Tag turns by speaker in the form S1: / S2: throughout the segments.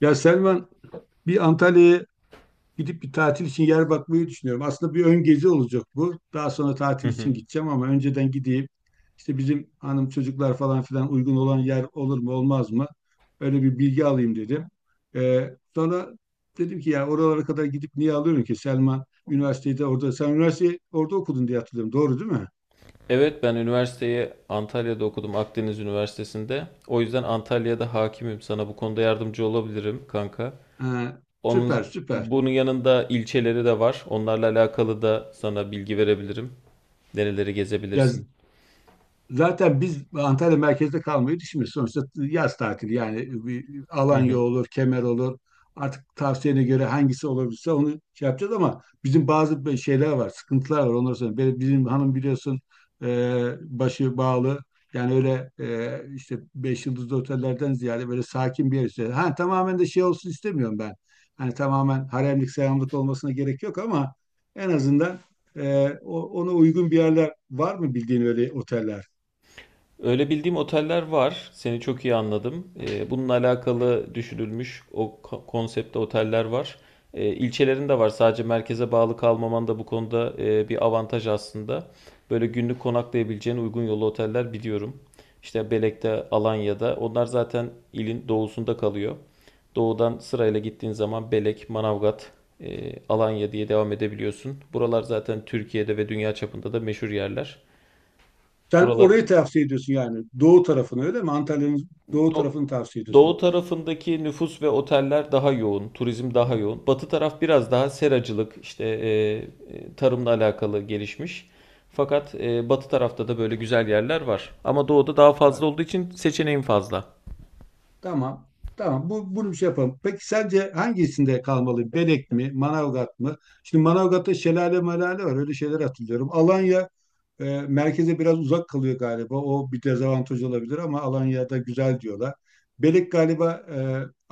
S1: Ya Selman, bir Antalya'ya gidip bir tatil için yer bakmayı düşünüyorum. Aslında bir ön gezi olacak bu. Daha sonra
S2: Hı
S1: tatil
S2: hı.
S1: için gideceğim ama önceden gideyim. İşte bizim hanım, çocuklar, falan filan uygun olan yer olur mu olmaz mı? Öyle bir bilgi alayım dedim. Sonra dedim ki ya oralara kadar gidip niye alıyorum ki, Selman üniversitede orada. Sen üniversiteyi orada okudun diye hatırlıyorum. Doğru değil mi?
S2: Evet, ben üniversiteyi Antalya'da okudum, Akdeniz Üniversitesi'nde. O yüzden Antalya'da hakimim. Sana bu konuda yardımcı olabilirim kanka.
S1: Ha, süper
S2: Onun
S1: süper.
S2: bunun yanında ilçeleri de var. Onlarla alakalı da sana bilgi verebilirim. Nereleri
S1: Ya
S2: gezebilirsin?
S1: zaten biz Antalya merkezde kalmayı düşünmüyoruz. Sonuçta yaz tatili, yani bir Alanya olur, Kemer olur. Artık tavsiyene göre hangisi olabilirse onu şey yapacağız, ama bizim bazı şeyler var, sıkıntılar var. Onları sonra benim, bizim hanım biliyorsun, e, başı bağlı. Yani öyle, işte beş yıldızlı otellerden ziyade böyle sakin bir yer istiyor. Ha, tamamen de şey olsun istemiyorum ben. Hani tamamen haremlik selamlık olmasına gerek yok ama en azından ona uygun bir yerler var mı, bildiğin öyle oteller?
S2: Öyle bildiğim oteller var. Seni çok iyi anladım. Bununla alakalı düşünülmüş konsepte oteller var. İlçelerinde var. Sadece merkeze bağlı kalmaman da bu konuda bir avantaj aslında. Böyle günlük konaklayabileceğin uygun yolu oteller biliyorum. İşte Belek'te, Alanya'da. Onlar zaten ilin doğusunda kalıyor. Doğudan sırayla gittiğin zaman Belek, Manavgat, Alanya diye devam edebiliyorsun. Buralar zaten Türkiye'de ve dünya çapında da meşhur yerler.
S1: Sen
S2: Buralar
S1: orayı tavsiye ediyorsun yani. Doğu tarafını öyle mi? Antalya'nın doğu
S2: Do-
S1: tarafını tavsiye ediyorsun.
S2: doğu tarafındaki nüfus ve oteller daha yoğun, turizm daha yoğun. Batı taraf biraz daha seracılık, işte tarımla alakalı gelişmiş. Fakat batı tarafta da böyle güzel yerler var. Ama doğuda daha fazla
S1: Var.
S2: olduğu için seçeneğin fazla.
S1: Tamam. Tamam. Bunu bir şey yapalım. Peki sence hangisinde kalmalı? Belek mi? Manavgat mı? Şimdi Manavgat'ta şelale malale var. Öyle şeyler hatırlıyorum. Alanya merkeze biraz uzak kalıyor galiba. O bir dezavantaj olabilir ama Alanya'da güzel diyorlar. Belek galiba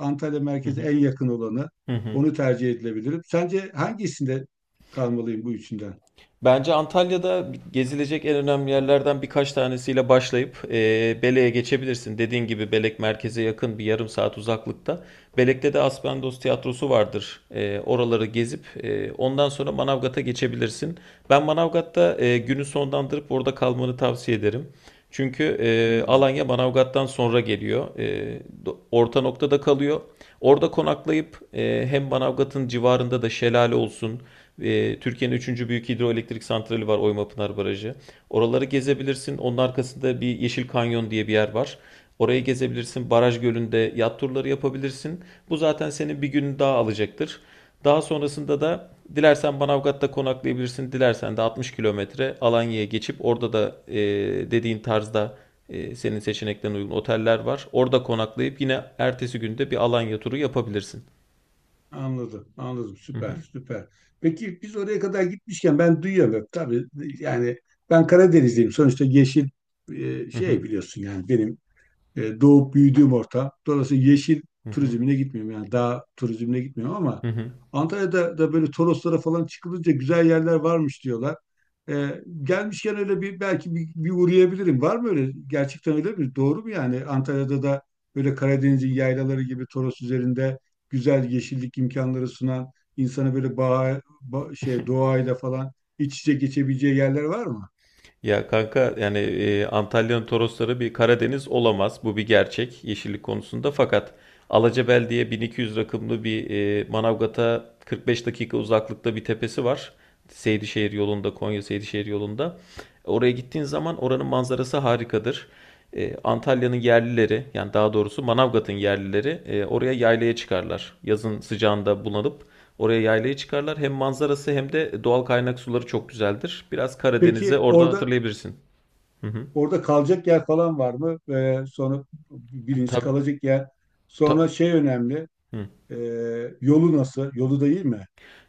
S1: Antalya
S2: Hı
S1: merkeze
S2: hı.
S1: en yakın olanı.
S2: Hı hı.
S1: Onu tercih edilebilir. Sence hangisinde kalmalıyım bu üçünden?
S2: Bence Antalya'da gezilecek en önemli yerlerden birkaç tanesiyle başlayıp Belek'e geçebilirsin. Dediğin gibi Belek merkeze yakın, bir yarım saat uzaklıkta. Belek'te de Aspendos Tiyatrosu vardır. Oraları gezip ondan sonra Manavgat'a geçebilirsin. Ben Manavgat'ta günü sonlandırıp orada kalmanı tavsiye ederim. Çünkü
S1: Hmm.
S2: Alanya Manavgat'tan sonra geliyor. Orta noktada kalıyor. Orada konaklayıp hem Manavgat'ın civarında da şelale olsun, Türkiye'nin üçüncü büyük hidroelektrik santrali var, Oymapınar Barajı. Oraları gezebilirsin. Onun arkasında bir Yeşil Kanyon diye bir yer var. Orayı gezebilirsin. Baraj gölünde yat turları yapabilirsin. Bu zaten senin bir gününü daha alacaktır. Daha sonrasında da dilersen Manavgat'ta konaklayabilirsin. Dilersen de 60 kilometre Alanya'ya geçip orada da dediğin tarzda senin seçeneklerine uygun oteller var. Orada konaklayıp yine ertesi günde bir Alanya turu yapabilirsin.
S1: Anladım, anladım.
S2: Hı hı.
S1: Süper, süper. Peki biz oraya kadar gitmişken, ben duyuyorum tabii, yani ben Karadenizliyim. Sonuçta yeşil,
S2: Hı hı.
S1: şey, biliyorsun yani benim doğup büyüdüğüm ortam. Dolayısıyla yeşil
S2: Hı hı.
S1: turizmine gitmiyorum. Yani dağ turizmine gitmiyorum ama
S2: Hı hı.
S1: Antalya'da da böyle Toroslara falan çıkılınca güzel yerler varmış diyorlar. E, gelmişken öyle bir, belki bir uğrayabilirim. Var mı öyle? Gerçekten öyle mi? Doğru mu yani? Antalya'da da böyle Karadeniz'in yaylaları gibi Toros üzerinde güzel yeşillik imkanları sunan, insana böyle şey, doğayla falan iç içe geçebileceği yerler var mı?
S2: Ya kanka, yani Antalya'nın Torosları bir Karadeniz olamaz. Bu bir gerçek yeşillik konusunda. Fakat Alacabel diye 1200 rakımlı bir, Manavgat'a 45 dakika uzaklıkta bir tepesi var. Seydişehir yolunda, Konya Seydişehir yolunda. Oraya gittiğin zaman oranın manzarası harikadır. Antalya'nın yerlileri, yani daha doğrusu Manavgat'ın yerlileri, oraya yaylaya çıkarlar. Yazın sıcağında bulanıp oraya yaylayı çıkarlar. Hem manzarası hem de doğal kaynak suları çok güzeldir. Biraz Karadeniz'e
S1: Peki
S2: oradan
S1: orada,
S2: hatırlayabilirsin. Hı hı.
S1: kalacak yer falan var mı? Sonra, birincisi
S2: Tabii,
S1: kalacak yer. Sonra
S2: ta-
S1: şey önemli.
S2: hı.
S1: e, yolu nasıl? Yolu da iyi mi?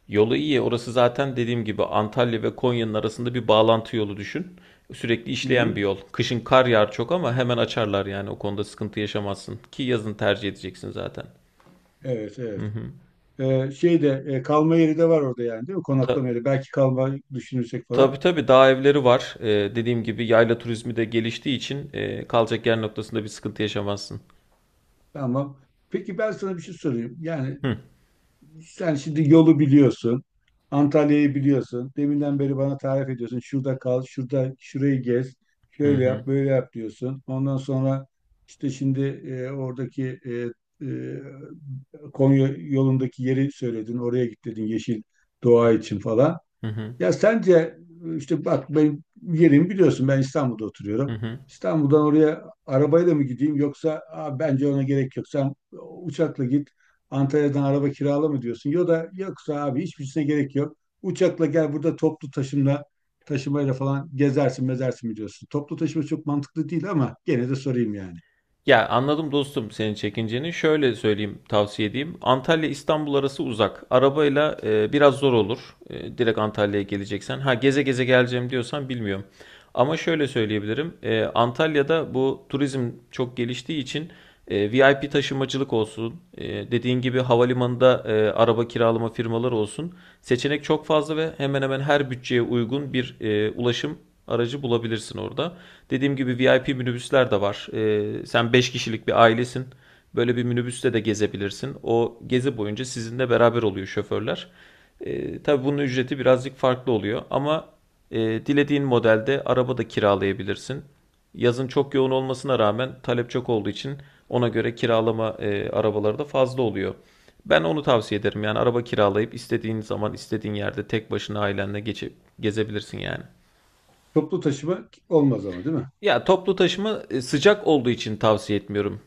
S2: Yolu iyi. Orası zaten dediğim gibi Antalya ve Konya'nın arasında bir bağlantı yolu, düşün. Sürekli
S1: Hı
S2: işleyen
S1: hı.
S2: bir yol. Kışın kar yağar çok ama hemen açarlar yani. O konuda sıkıntı yaşamazsın. Ki yazın tercih edeceksin zaten.
S1: Evet,
S2: Hı
S1: evet.
S2: hı.
S1: Şey de, kalma yeri de var orada yani, değil mi?
S2: Ta-
S1: Konaklama yeri. Belki kalma düşünürsek falan.
S2: tabii tabii, dağ evleri var. Dediğim gibi yayla turizmi de geliştiği için kalacak yer noktasında bir sıkıntı yaşamazsın.
S1: Tamam. Peki ben sana bir şey sorayım. Yani
S2: Hı
S1: sen şimdi yolu biliyorsun. Antalya'yı biliyorsun. Deminden beri bana tarif ediyorsun. Şurada kal, şurada şurayı gez.
S2: hı,
S1: Şöyle
S2: hı
S1: yap, böyle yap diyorsun. Ondan sonra işte, şimdi oradaki, e, Konya yolundaki yeri söyledin. Oraya git dedin, yeşil doğa için falan.
S2: hı,
S1: Ya sence, işte bak, benim yerimi biliyorsun, ben İstanbul'da
S2: hı.
S1: oturuyorum.
S2: Hı.
S1: İstanbul'dan oraya arabayla mı gideyim, yoksa bence ona gerek yok. Sen uçakla git, Antalya'dan araba kirala" mı diyorsun? Ya da yoksa "abi hiçbirisine gerek yok. Uçakla gel, burada toplu taşımayla falan gezersin mezersin" mi diyorsun? Toplu taşıma çok mantıklı değil ama gene de sorayım yani.
S2: Ya anladım dostum, senin çekinceni. Şöyle söyleyeyim, tavsiye edeyim. Antalya İstanbul arası uzak. Arabayla biraz zor olur. Direkt Antalya'ya geleceksen. Ha, geze geze geleceğim diyorsan bilmiyorum. Ama şöyle söyleyebilirim. Antalya'da bu turizm çok geliştiği için VIP taşımacılık olsun, dediğin gibi havalimanında araba kiralama firmaları olsun. Seçenek çok fazla ve hemen hemen her bütçeye uygun bir ulaşım aracı bulabilirsin orada. Dediğim gibi VIP minibüsler de var. Sen 5 kişilik bir ailesin. Böyle bir minibüste de gezebilirsin. O gezi boyunca sizinle beraber oluyor şoförler. Tabii bunun ücreti birazcık farklı oluyor ama dilediğin modelde araba da kiralayabilirsin. Yazın çok yoğun olmasına rağmen talep çok olduğu için ona göre kiralama arabaları da fazla oluyor. Ben onu tavsiye ederim. Yani araba kiralayıp istediğin zaman istediğin yerde tek başına ailenle geçip gezebilirsin yani.
S1: Toplu taşıma olmaz ama, değil mi?
S2: Ya toplu taşıma sıcak olduğu için tavsiye etmiyorum.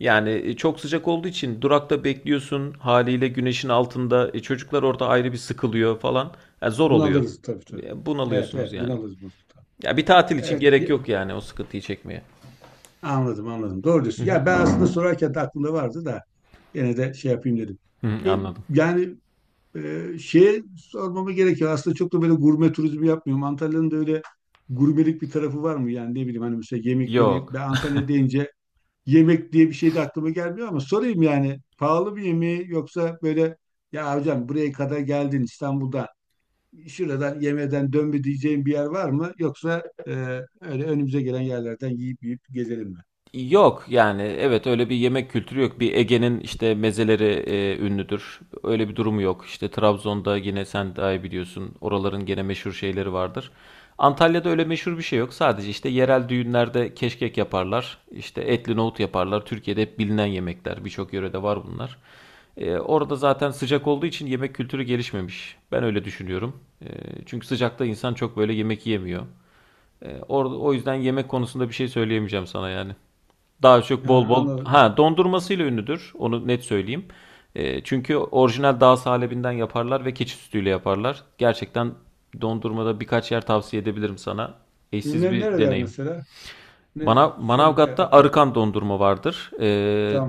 S2: Yani çok sıcak olduğu için durakta bekliyorsun, haliyle güneşin altında çocuklar orada ayrı bir sıkılıyor falan. Yani zor oluyor.
S1: Bunalırız, tabii tabii. Evet
S2: Bunalıyorsunuz
S1: evet,
S2: yani.
S1: bunalırız. Mustafa.
S2: Ya bir tatil için
S1: Evet.
S2: gerek yok yani, o sıkıntıyı çekmeye.
S1: Anladım anladım. Doğru diyorsun. Ya ben aslında sorarken de aklımda vardı da, gene de şey yapayım dedim.
S2: Hı,
S1: Ve
S2: anladım.
S1: yani şey sormamı gerekiyor. Aslında çok da böyle gurme turizmi yapmıyorum. Antalya'nın da öyle gurmelik bir tarafı var mı? Yani ne bileyim, hani mesela yemekleri,
S2: Yok.
S1: ben Antalya deyince yemek diye bir şey de aklıma gelmiyor ama sorayım yani. Pahalı bir yemeği, yoksa böyle "ya hocam buraya kadar geldin İstanbul'dan, şuradan yemeden dönme" diyeceğim bir yer var mı? Yoksa öyle önümüze gelen yerlerden yiyip yiyip gezelim mi?
S2: Yok yani, evet, öyle bir yemek kültürü yok. Bir Ege'nin işte mezeleri ünlüdür. Öyle bir durumu yok. İşte Trabzon'da yine sen daha iyi biliyorsun. Oraların gene meşhur şeyleri vardır. Antalya'da öyle meşhur bir şey yok. Sadece işte yerel düğünlerde keşkek yaparlar. İşte etli nohut yaparlar. Türkiye'de hep bilinen yemekler. Birçok yörede var bunlar. Orada zaten sıcak olduğu için yemek kültürü gelişmemiş. Ben öyle düşünüyorum. Çünkü sıcakta insan çok böyle yemek yemiyor. Orada o yüzden yemek konusunda bir şey söyleyemeyeceğim sana yani. Daha çok bol
S1: Ha,
S2: bol
S1: anladım.
S2: dondurmasıyla ünlüdür. Onu net söyleyeyim. Çünkü orijinal dağ salebinden yaparlar ve keçi sütüyle yaparlar. Gerçekten dondurmada birkaç yer tavsiye edebilirim sana. Eşsiz
S1: Ne,
S2: bir
S1: nereler
S2: deneyim.
S1: mesela? Ne söyle de
S2: Manavgat'ta
S1: akıl.
S2: arıkan dondurma vardır.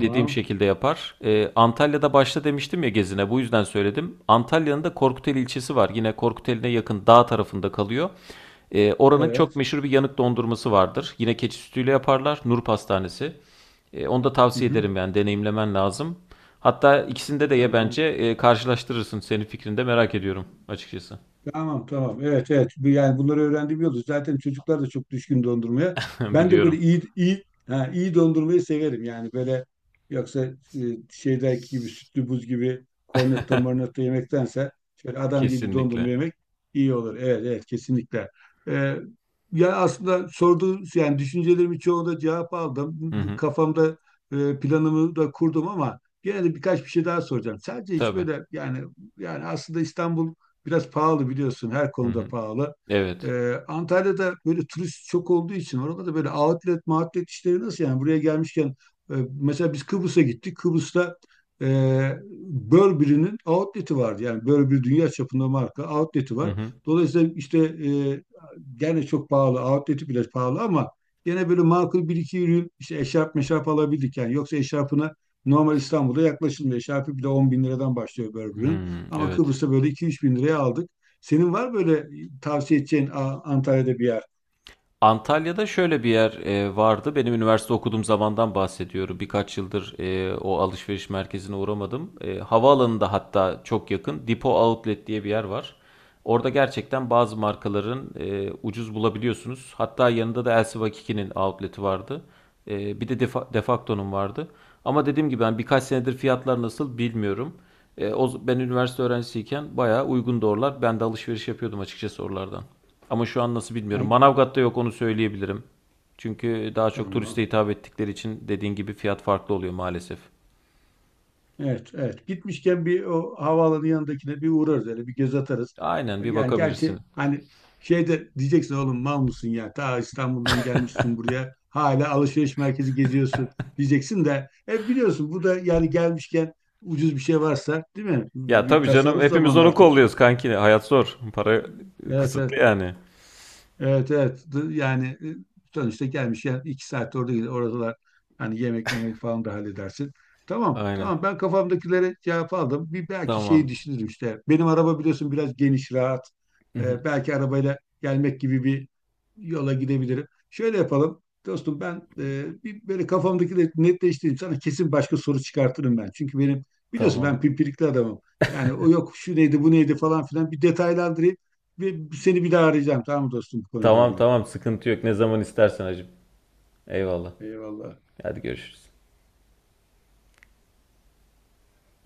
S2: Dediğim şekilde yapar. Antalya'da başta demiştim ya, gezine bu yüzden söyledim. Antalya'nın da Korkuteli ilçesi var. Yine Korkuteli'ne yakın dağ tarafında kalıyor. Oranın çok
S1: Evet.
S2: meşhur bir yanık dondurması vardır. Yine keçi sütüyle yaparlar. Nur Pastanesi. Onu da
S1: Hı
S2: tavsiye
S1: hı.
S2: ederim, yani deneyimlemen lazım. Hatta ikisinde de ye bence.
S1: Tamam.
S2: Karşılaştırırsın. Senin fikrini de merak ediyorum açıkçası.
S1: Tamam tamam. Evet evet. Yani bunları öğrendiğim yolda. Zaten çocuklar da çok düşkün dondurmaya. Ben de böyle
S2: Biliyorum.
S1: iyi dondurmayı severim. Yani böyle, yoksa e, şeydeki gibi sütlü buz gibi kornetto marnetto yemektense, şöyle adam gibi dondurma
S2: Kesinlikle.
S1: yemek iyi olur. Evet evet, kesinlikle. Ee, ya aslında sorduğun yani düşüncelerimin çoğunda cevap aldım.
S2: Hı hı.
S1: Kafamda planımı da kurdum ama gene de birkaç bir şey daha soracağım. Sadece hiç
S2: Tabii.
S1: böyle yani, aslında İstanbul biraz pahalı, biliyorsun her
S2: Hı
S1: konuda
S2: hı.
S1: pahalı.
S2: Evet.
S1: Antalya'da böyle turist çok olduğu için orada da böyle outlet mağutlet işleri nasıl, yani buraya gelmişken. e, Mesela biz Kıbrıs'a gittik. Kıbrıs'ta e, Burberry'nin outlet'i vardı. Yani Burberry, dünya çapında marka, outlet'i
S2: Hı
S1: var.
S2: hı.
S1: Dolayısıyla işte gene çok pahalı, outlet'i bile pahalı ama gene böyle makul bir iki ürün, işte eşarp meşarp alabildik. Yani yoksa eşarpına normal İstanbul'da yaklaşılmıyor. Eşarpı bile 10 bin liradan başlıyor Burberry'nin.
S2: Hımm,
S1: Ama
S2: evet.
S1: Kıbrıs'ta böyle iki üç bin liraya aldık. Senin var böyle tavsiye edeceğin Antalya'da bir yer?
S2: Antalya'da şöyle bir yer vardı. Benim üniversite okuduğum zamandan bahsediyorum. Birkaç yıldır o alışveriş merkezine uğramadım. Havaalanında hatta çok yakın, Depo Outlet diye bir yer var. Orada gerçekten bazı markaların ucuz bulabiliyorsunuz. Hatta yanında da LC-Vakiki'nin outlet'i vardı. Bir de Defacto'nun vardı. Ama dediğim gibi ben birkaç senedir fiyatlar nasıl bilmiyorum. Ben üniversite öğrencisiyken bayağı uygun oralar. Ben de alışveriş yapıyordum açıkçası oralardan. Ama şu an nasıl bilmiyorum.
S1: Ay,
S2: Manavgat'ta yok, onu söyleyebilirim. Çünkü daha çok turiste
S1: tamam.
S2: hitap ettikleri için dediğin gibi fiyat farklı oluyor maalesef.
S1: Evet, evet. Gitmişken bir o havaalanı yanındakine bir uğrarız, öyle bir göz atarız.
S2: Aynen, bir
S1: Yani gerçi
S2: bakabilirsin.
S1: hani şeyde diyeceksin, "oğlum mal mısın ya? Ta İstanbul'dan gelmişsin buraya, Hala alışveriş merkezi geziyorsun" diyeceksin de, e biliyorsun bu da, yani gelmişken ucuz bir şey varsa, değil mi?
S2: Ya
S1: Bir
S2: tabii canım,
S1: tasarruf
S2: hepimiz
S1: zamanı
S2: onu
S1: artık.
S2: kolluyoruz kanki. Hayat zor. Para
S1: Evet evet.
S2: kısıtlı yani.
S1: Evet evet, yani sonuçta gelmiş, yani 2 saat orada gider oradalar, hani yemek memek falan da halledersin. Tamam
S2: Aynen.
S1: tamam, ben kafamdakilere cevap aldım. Bir belki şeyi
S2: Tamam.
S1: düşünürüm işte. Benim araba, biliyorsun, biraz geniş, rahat. Belki arabayla gelmek gibi bir yola gidebilirim. Şöyle yapalım dostum, ben bir böyle kafamdakileri netleştireyim. Sana kesin başka soru çıkartırım ben. Çünkü benim, biliyorsun,
S2: Tamam.
S1: ben pimpirikli adamım. Yani o yok, şu neydi, bu neydi falan filan, bir detaylandırayım. Ve seni bir daha arayacağım, tamam mı dostum, bu konuyla
S2: Tamam
S1: ilgili.
S2: tamam, sıkıntı yok. Ne zaman istersen hacım. Eyvallah.
S1: Eyvallah.
S2: Hadi görüşürüz.